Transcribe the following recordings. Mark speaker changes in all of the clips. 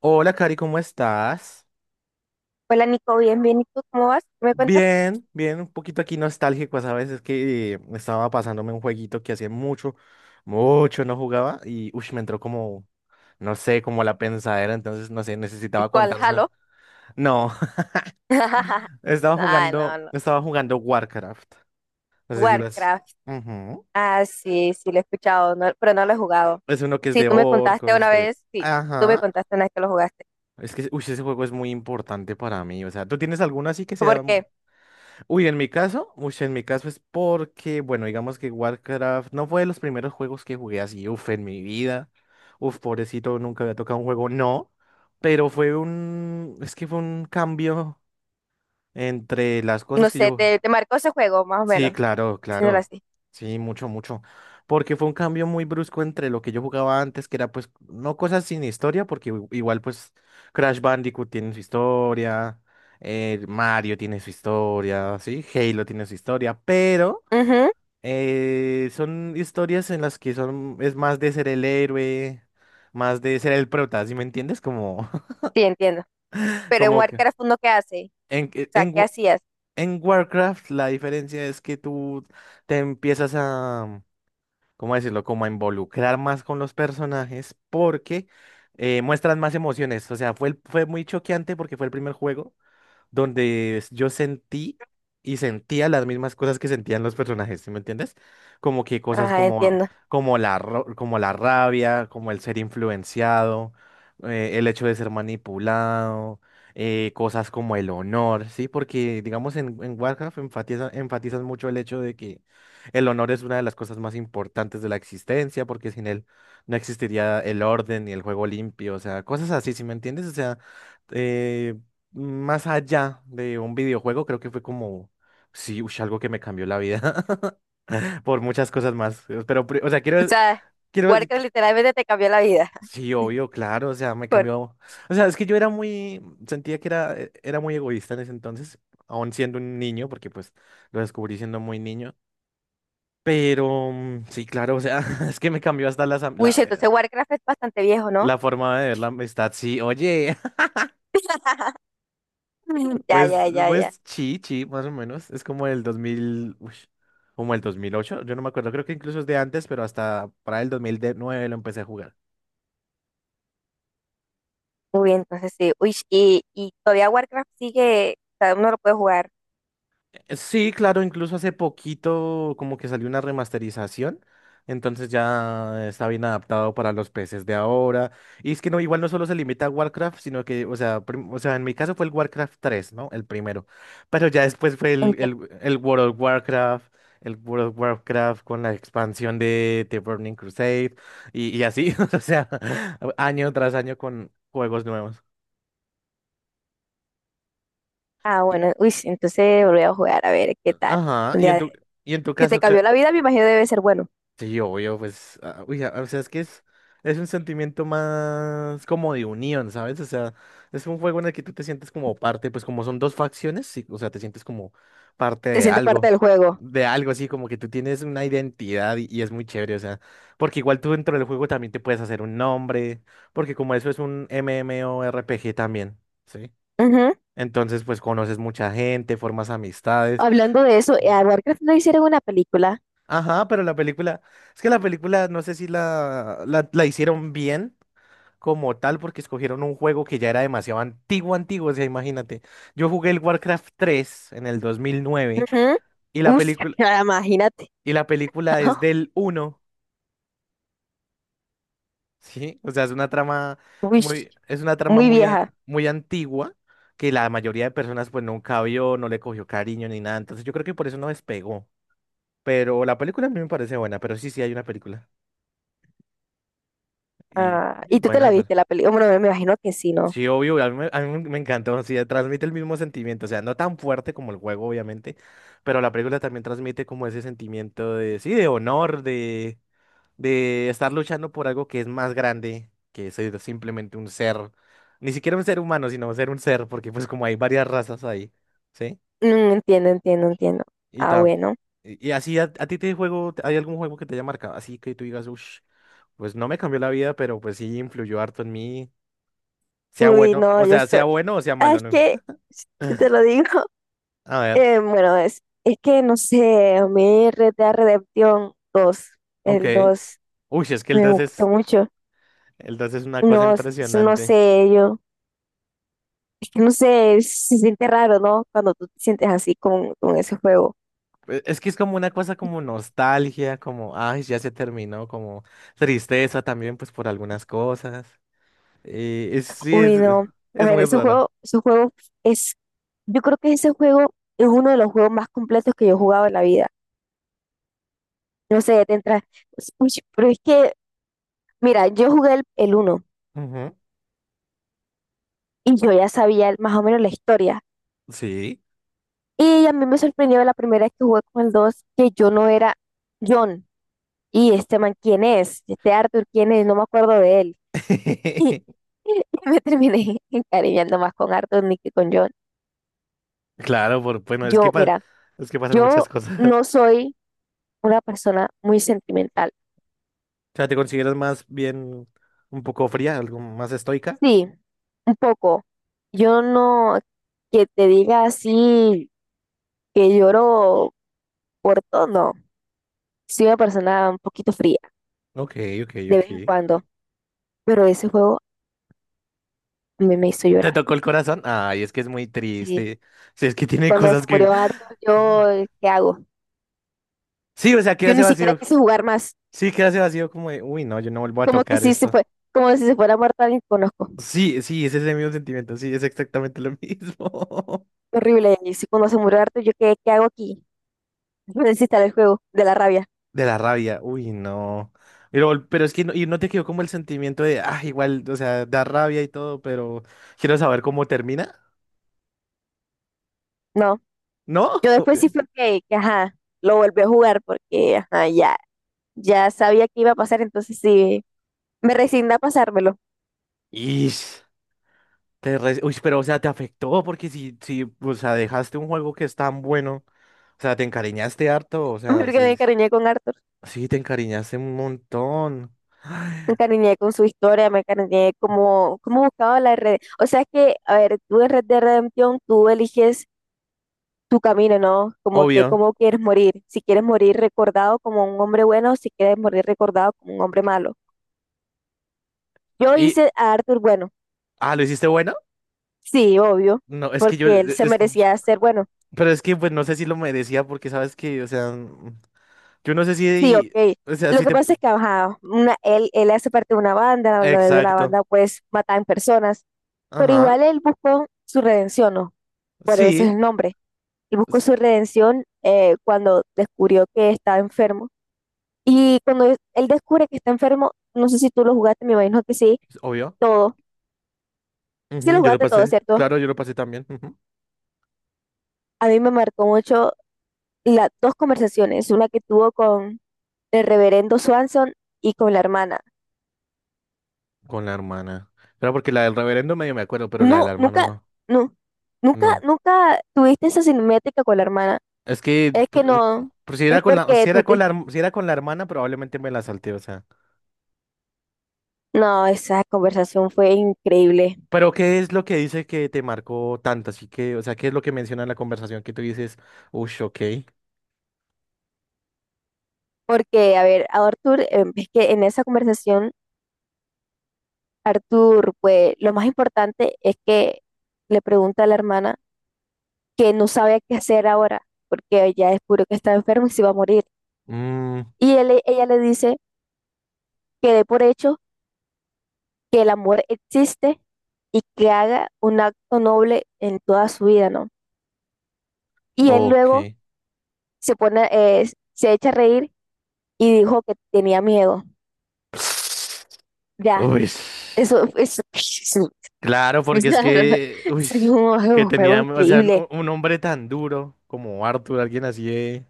Speaker 1: Hola, Cari, ¿cómo estás?
Speaker 2: Hola, Nico, bien, bien. ¿Y tú cómo vas? ¿Qué ¿Me cuentas?
Speaker 1: Bien, bien, un poquito aquí nostálgico, ¿sabes? Es que estaba pasándome un jueguito que hacía mucho, mucho no jugaba y uy, me entró como, no sé, como la pensadera, entonces no sé, necesitaba
Speaker 2: ¿Cuál?
Speaker 1: contarse.
Speaker 2: ¿Halo?
Speaker 1: No.
Speaker 2: Ay, no, no.
Speaker 1: Estaba jugando Warcraft. No sé si lo has.
Speaker 2: Warcraft.
Speaker 1: Ujú.
Speaker 2: Ah, sí, sí, lo he escuchado, pero no lo he jugado.
Speaker 1: Es uno que es
Speaker 2: Sí,
Speaker 1: de
Speaker 2: tú me contaste
Speaker 1: orcos,
Speaker 2: una
Speaker 1: de.
Speaker 2: vez, sí, tú me
Speaker 1: Ajá.
Speaker 2: contaste una vez que lo jugaste.
Speaker 1: Es que uy, ese juego es muy importante para mí. O sea, ¿tú tienes alguno así que sea?
Speaker 2: Porque,
Speaker 1: Uy, en mi caso es porque, bueno, digamos que Warcraft no fue de los primeros juegos que jugué así, uf, en mi vida. Uf, pobrecito, nunca había tocado un juego, no. Pero es que fue un cambio entre las cosas
Speaker 2: no
Speaker 1: que
Speaker 2: sé,
Speaker 1: yo.
Speaker 2: te marcó ese juego, más o
Speaker 1: Sí,
Speaker 2: menos,
Speaker 1: claro,
Speaker 2: diciéndolo
Speaker 1: claro.
Speaker 2: así.
Speaker 1: Sí, mucho, mucho. Porque fue un cambio muy brusco entre lo que yo jugaba antes, que era pues, no cosas sin historia, porque igual pues Crash Bandicoot tiene su historia, Mario tiene su historia, sí, Halo tiene su historia, pero
Speaker 2: Ujú,
Speaker 1: son historias en las que son, es más de ser el héroe, más de ser el prota, ¿sí me entiendes? Como,
Speaker 2: sí, entiendo. Pero en
Speaker 1: como que
Speaker 2: Warcraft uno, ¿qué hace?
Speaker 1: en,
Speaker 2: O sea,
Speaker 1: en,
Speaker 2: ¿qué
Speaker 1: Wa-
Speaker 2: hacías?
Speaker 1: en Warcraft la diferencia es que tú te empiezas a, ¿cómo decirlo? Como a involucrar más con los personajes porque muestran más emociones. O sea, fue muy choqueante porque fue el primer juego donde yo sentí y sentía las mismas cosas que sentían los personajes, ¿sí me entiendes? Como que cosas
Speaker 2: Ajá,
Speaker 1: como,
Speaker 2: entiendo.
Speaker 1: como la rabia, como el ser influenciado, el hecho de ser manipulado, cosas como el honor, ¿sí? Porque, digamos, en Warcraft enfatizan mucho el hecho de que el honor es una de las cosas más importantes de la existencia, porque sin él no existiría el orden ni el juego limpio, o sea, cosas así, ¿sí me entiendes? O sea, eh, más allá de un videojuego, creo que fue como, sí, ush, algo que me cambió la vida por muchas cosas más. Pero, o sea,
Speaker 2: O sea,
Speaker 1: quiero,
Speaker 2: Warcraft
Speaker 1: qui-
Speaker 2: literalmente te cambió la vida.
Speaker 1: sí, obvio, claro, o sea, me
Speaker 2: Por
Speaker 1: cambió. O sea, es que yo era muy, sentía que era, era muy egoísta en ese entonces, aún siendo un niño, porque pues lo descubrí siendo muy niño. Pero, sí, claro, o sea, es que me cambió hasta
Speaker 2: uy sí, entonces Warcraft es bastante viejo, ¿no?
Speaker 1: la forma de ver la amistad. Sí, oye.
Speaker 2: Ya,
Speaker 1: Pues,
Speaker 2: ya, ya, ya.
Speaker 1: pues, sí, sí, más o menos. Es como el 2000, uy, como el 2008. Yo no me acuerdo, creo que incluso es de antes, pero hasta para el 2009 lo empecé a jugar.
Speaker 2: Uy, entonces sí. Uy, y todavía Warcraft sigue, o sea, uno lo puede jugar.
Speaker 1: Sí, claro, incluso hace poquito como que salió una remasterización, entonces ya está bien adaptado para los PCs de ahora. Y es que no, igual no solo se limita a Warcraft, sino que, o sea, o sea, en mi caso fue el Warcraft 3, ¿no? El primero. Pero ya después fue el, el,
Speaker 2: Entiendo.
Speaker 1: el World of Warcraft, con la expansión de The Burning Crusade y así, o sea, año tras año con juegos nuevos.
Speaker 2: Ah,
Speaker 1: Y-
Speaker 2: bueno, uy, sí, entonces volví a jugar a ver qué tal.
Speaker 1: ajá,
Speaker 2: Un
Speaker 1: y
Speaker 2: día
Speaker 1: en
Speaker 2: de-
Speaker 1: y en tu
Speaker 2: Si te
Speaker 1: caso.
Speaker 2: cambió la vida, me imagino debe ser bueno.
Speaker 1: Sí, obvio, pues, ah, uy, ah, o sea, es un sentimiento más como de unión, ¿sabes? O sea, es un juego en el que tú te sientes como parte, pues como son dos facciones, sí, o sea, te sientes como parte
Speaker 2: Te sientes parte del juego.
Speaker 1: de algo así, como que tú tienes una identidad y es muy chévere, o sea, porque igual tú dentro del juego también te puedes hacer un nombre, porque como eso es un MMORPG también, ¿sí?
Speaker 2: Ujú.
Speaker 1: Entonces, pues conoces mucha gente, formas amistades.
Speaker 2: Hablando de eso, a Warcraft no hicieron una película.
Speaker 1: Ajá, pero la película, es que la película no sé si la hicieron bien como tal porque escogieron un juego que ya era demasiado antiguo, antiguo, o sea, imagínate. Yo jugué el Warcraft 3 en el 2009
Speaker 2: Ujú.
Speaker 1: y la
Speaker 2: Uy,
Speaker 1: película
Speaker 2: imagínate.
Speaker 1: y la película es del uno, ¿sí? O sea,
Speaker 2: Uy,
Speaker 1: es una trama
Speaker 2: muy vieja.
Speaker 1: muy antigua que la mayoría de personas pues nunca vio, no le cogió cariño ni nada, entonces yo creo que por eso no despegó. Pero la película a mí me parece buena, pero sí, sí hay una película y
Speaker 2: Ah,
Speaker 1: es
Speaker 2: ¿y tú te
Speaker 1: buena,
Speaker 2: la
Speaker 1: es
Speaker 2: viste
Speaker 1: buena.
Speaker 2: la película? Bueno, me imagino que sí, ¿no?
Speaker 1: Sí, obvio, a mí me encantó, sí, transmite el mismo sentimiento, o sea, no tan fuerte como el juego, obviamente, pero la película también transmite como ese sentimiento de, sí, de honor, de estar luchando por algo que es más grande que ser simplemente un ser, ni siquiera un ser humano, sino ser un ser, porque pues como hay varias razas ahí, ¿sí?
Speaker 2: Mm, entiendo, entiendo, entiendo.
Speaker 1: Y,
Speaker 2: Ah,
Speaker 1: tam-
Speaker 2: bueno.
Speaker 1: y así, a ti te juego, ¿hay algún juego que te haya marcado? Así que tú digas, uff, pues no me cambió la vida, pero pues sí influyó harto en mí, sea
Speaker 2: Uy,
Speaker 1: bueno,
Speaker 2: no,
Speaker 1: o
Speaker 2: yo
Speaker 1: sea,
Speaker 2: soy.
Speaker 1: sea bueno o sea
Speaker 2: Ah,
Speaker 1: malo,
Speaker 2: es
Speaker 1: ¿no?
Speaker 2: que, si te lo digo.
Speaker 1: A ver,
Speaker 2: Bueno, es que no sé, a mí Red Dead Redemption dos
Speaker 1: ok.
Speaker 2: el dos
Speaker 1: Uy, es que
Speaker 2: me gustó mucho.
Speaker 1: el 2 es una cosa
Speaker 2: No, no
Speaker 1: impresionante.
Speaker 2: sé, yo, es que no sé, se siente raro, ¿no? Cuando tú te sientes así con, ese juego.
Speaker 1: Es que es como una cosa como nostalgia, como, ay, ya se terminó, como tristeza también, pues por algunas cosas. Sí,
Speaker 2: Uy, no. A
Speaker 1: es
Speaker 2: ver,
Speaker 1: muy raro.
Speaker 2: ese juego es, yo creo que ese juego es uno de los juegos más completos que yo he jugado en la vida. No sé, te entra, uy, pero es que, mira, yo jugué el uno
Speaker 1: Ujú.
Speaker 2: y yo ya sabía más o menos la historia.
Speaker 1: Sí.
Speaker 2: Y a mí me sorprendió la primera vez que jugué con el 2 que yo no era John. Y este man, ¿quién es? Este Arthur, ¿quién es? No me acuerdo de él. Y me terminé encariñando más con Arthur ni que con John.
Speaker 1: Claro, por, bueno, es que,
Speaker 2: Yo, mira,
Speaker 1: es que pasan
Speaker 2: yo
Speaker 1: muchas cosas.
Speaker 2: no soy una persona muy sentimental.
Speaker 1: O sea, ¿te consideras más bien un poco fría, algo más estoica?
Speaker 2: Sí, un poco. Yo no que te diga así que lloro por todo, no. Soy una persona un poquito fría
Speaker 1: Ok, ok,
Speaker 2: de
Speaker 1: ok.
Speaker 2: vez en cuando, pero ese juego me hizo
Speaker 1: ¿Te
Speaker 2: llorar.
Speaker 1: tocó el corazón? Ay, es que es muy
Speaker 2: Sí.
Speaker 1: triste. Sí, es que tiene
Speaker 2: Cuando se
Speaker 1: cosas que.
Speaker 2: murió Arthur, yo, ¿qué hago?
Speaker 1: Sí, o sea, queda
Speaker 2: Yo
Speaker 1: ese
Speaker 2: ni siquiera
Speaker 1: vacío.
Speaker 2: quise jugar más,
Speaker 1: Sí, queda ese vacío como de, uy, no, yo no vuelvo a
Speaker 2: como que
Speaker 1: tocar
Speaker 2: si se
Speaker 1: esto.
Speaker 2: fue, como si se fuera muerta alguien que conozco.
Speaker 1: Sí, sí, es ese mismo sentimiento, sí, es exactamente lo mismo.
Speaker 2: Horrible, y si cuando se murió Arthur, yo, ¿qué, qué hago aquí? Yo necesito el juego, de la rabia.
Speaker 1: De la rabia, uy, no. Pero es que no, y no te quedó como el sentimiento de, ah, igual, o sea, da rabia y todo, pero quiero saber cómo termina,
Speaker 2: No,
Speaker 1: ¿no?
Speaker 2: yo después sí fue que, ajá, lo volví a jugar porque, ajá, ya, ya sabía que iba a pasar, entonces sí, me resigné a pasármelo,
Speaker 1: Ish, uy, pero, o sea, te afectó porque si, o sea, dejaste un juego que es tan bueno. O sea, te encariñaste harto, o sea,
Speaker 2: porque me
Speaker 1: sí,
Speaker 2: encariñé con Arthur.
Speaker 1: sí, te encariñaste un montón. Ay,
Speaker 2: Me encariñé con su historia, me encariñé como, como buscaba la red. O sea es que, a ver, tú en Red de Redemption, tú eliges tu camino, ¿no? Como que
Speaker 1: obvio.
Speaker 2: cómo quieres morir, si quieres morir recordado como un hombre bueno o si quieres morir recordado como un hombre malo. Yo
Speaker 1: Y,
Speaker 2: hice a Arthur bueno,
Speaker 1: ah, ¿lo hiciste bueno?
Speaker 2: sí, obvio,
Speaker 1: No, es que yo,
Speaker 2: porque él se
Speaker 1: yo.
Speaker 2: merecía ser bueno,
Speaker 1: Pero es que, pues, no sé si lo merecía porque, ¿sabes que, O sea, yo no sé
Speaker 2: sí,
Speaker 1: si,
Speaker 2: ok.
Speaker 1: o sea,
Speaker 2: Lo
Speaker 1: si
Speaker 2: que
Speaker 1: te,
Speaker 2: pasa es que ajá, una, él hace parte de una banda, lo de la
Speaker 1: exacto.
Speaker 2: banda pues matan personas, pero
Speaker 1: Ajá,
Speaker 2: igual él buscó su redención, ¿no? Por eso es
Speaker 1: sí,
Speaker 2: el nombre. Él buscó
Speaker 1: es-
Speaker 2: su redención cuando descubrió que estaba enfermo. Y cuando él descubre que está enfermo, no sé si tú lo jugaste, me imagino que sí,
Speaker 1: es obvio.
Speaker 2: todo. Sí
Speaker 1: Ujú,
Speaker 2: lo
Speaker 1: yo lo
Speaker 2: jugaste todo,
Speaker 1: pasé,
Speaker 2: ¿cierto?
Speaker 1: claro, yo lo pasé también, ujú.
Speaker 2: A mí me marcó mucho las dos conversaciones, una que tuvo con el reverendo Swanson y con la hermana.
Speaker 1: Con la hermana. Pero porque la del reverendo medio me acuerdo, pero la de
Speaker 2: No,
Speaker 1: la hermana
Speaker 2: nunca,
Speaker 1: no.
Speaker 2: no, nunca,
Speaker 1: No.
Speaker 2: nunca tuviste esa cinemática con la hermana.
Speaker 1: Es que
Speaker 2: Es que no,
Speaker 1: si
Speaker 2: es
Speaker 1: era con
Speaker 2: porque
Speaker 1: si era
Speaker 2: tú
Speaker 1: con
Speaker 2: te...
Speaker 1: si era con la hermana, probablemente me la salté, o sea.
Speaker 2: No, esa conversación fue increíble.
Speaker 1: Pero, ¿qué es lo que dice que te marcó tanto? Así que, o sea, ¿qué es lo que menciona en la conversación que tú dices, ush, ok,
Speaker 2: Porque, a ver, a Arthur, es que en esa conversación Arthur, pues lo más importante es que le pregunta a la hermana que no sabe qué hacer ahora, porque ella descubrió que está enfermo y se va a morir.
Speaker 1: mm,
Speaker 2: Ella le dice que dé por hecho que el amor existe y que haga un acto noble en toda su vida, ¿no? Y él
Speaker 1: ok?
Speaker 2: luego se pone, se echa a reír y dijo que tenía miedo. Ya,
Speaker 1: Uy,
Speaker 2: eso, es un
Speaker 1: claro, porque es que, uy,
Speaker 2: es
Speaker 1: que
Speaker 2: un juego
Speaker 1: tenía, o sea,
Speaker 2: increíble.
Speaker 1: un hombre tan duro como Arthur, alguien así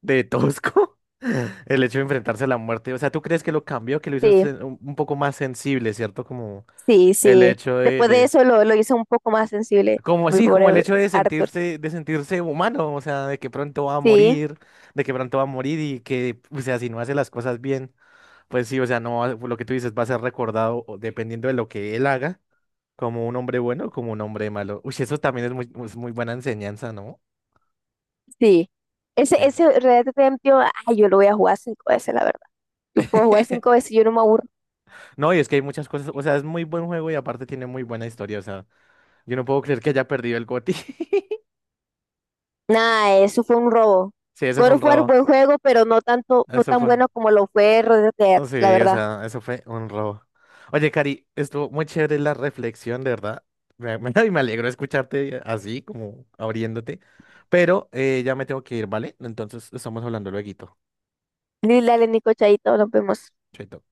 Speaker 1: de tosco, el hecho de enfrentarse a la muerte, o sea, ¿tú crees que lo cambió, que lo hizo
Speaker 2: Sí,
Speaker 1: un poco más sensible, ¿cierto? Como
Speaker 2: sí,
Speaker 1: el
Speaker 2: sí.
Speaker 1: hecho
Speaker 2: Después de eso lo hizo un poco más sensible,
Speaker 1: como
Speaker 2: mi
Speaker 1: sí, como el
Speaker 2: pobre
Speaker 1: hecho
Speaker 2: Arthur.
Speaker 1: de sentirse humano, o sea,
Speaker 2: Sí,
Speaker 1: de que pronto va a morir y que, o sea, si no hace las cosas bien, pues sí, o sea, no, lo que tú dices va a ser recordado o dependiendo de lo que él haga, como un hombre bueno o como un hombre malo. Uy, eso también es muy buena enseñanza, ¿no?
Speaker 2: sí.
Speaker 1: De.
Speaker 2: Ese Red Dead Redemption, ay, yo lo voy a jugar cinco veces, la verdad. Yo puedo jugar cinco veces y yo no me aburro.
Speaker 1: No, y es que hay muchas cosas, o sea, es muy buen juego y aparte tiene muy buena historia, o sea, yo no puedo creer que haya perdido el GOTY.
Speaker 2: Nada, eso fue un robo.
Speaker 1: Sí, eso fue
Speaker 2: God
Speaker 1: un
Speaker 2: of War,
Speaker 1: robo,
Speaker 2: buen juego, pero no tanto, no
Speaker 1: eso
Speaker 2: tan
Speaker 1: fue.
Speaker 2: bueno como lo fue Red Dead,
Speaker 1: Oh,
Speaker 2: la
Speaker 1: sí, o
Speaker 2: verdad.
Speaker 1: sea, eso fue un robo. Oye, Cari, estuvo muy chévere la reflexión, de verdad. Y me alegro escucharte así, como abriéndote. Pero ya me tengo que ir, ¿vale? Entonces estamos hablando lueguito.
Speaker 2: Lila, Nico, Chaito, nos vemos.
Speaker 1: Chaito.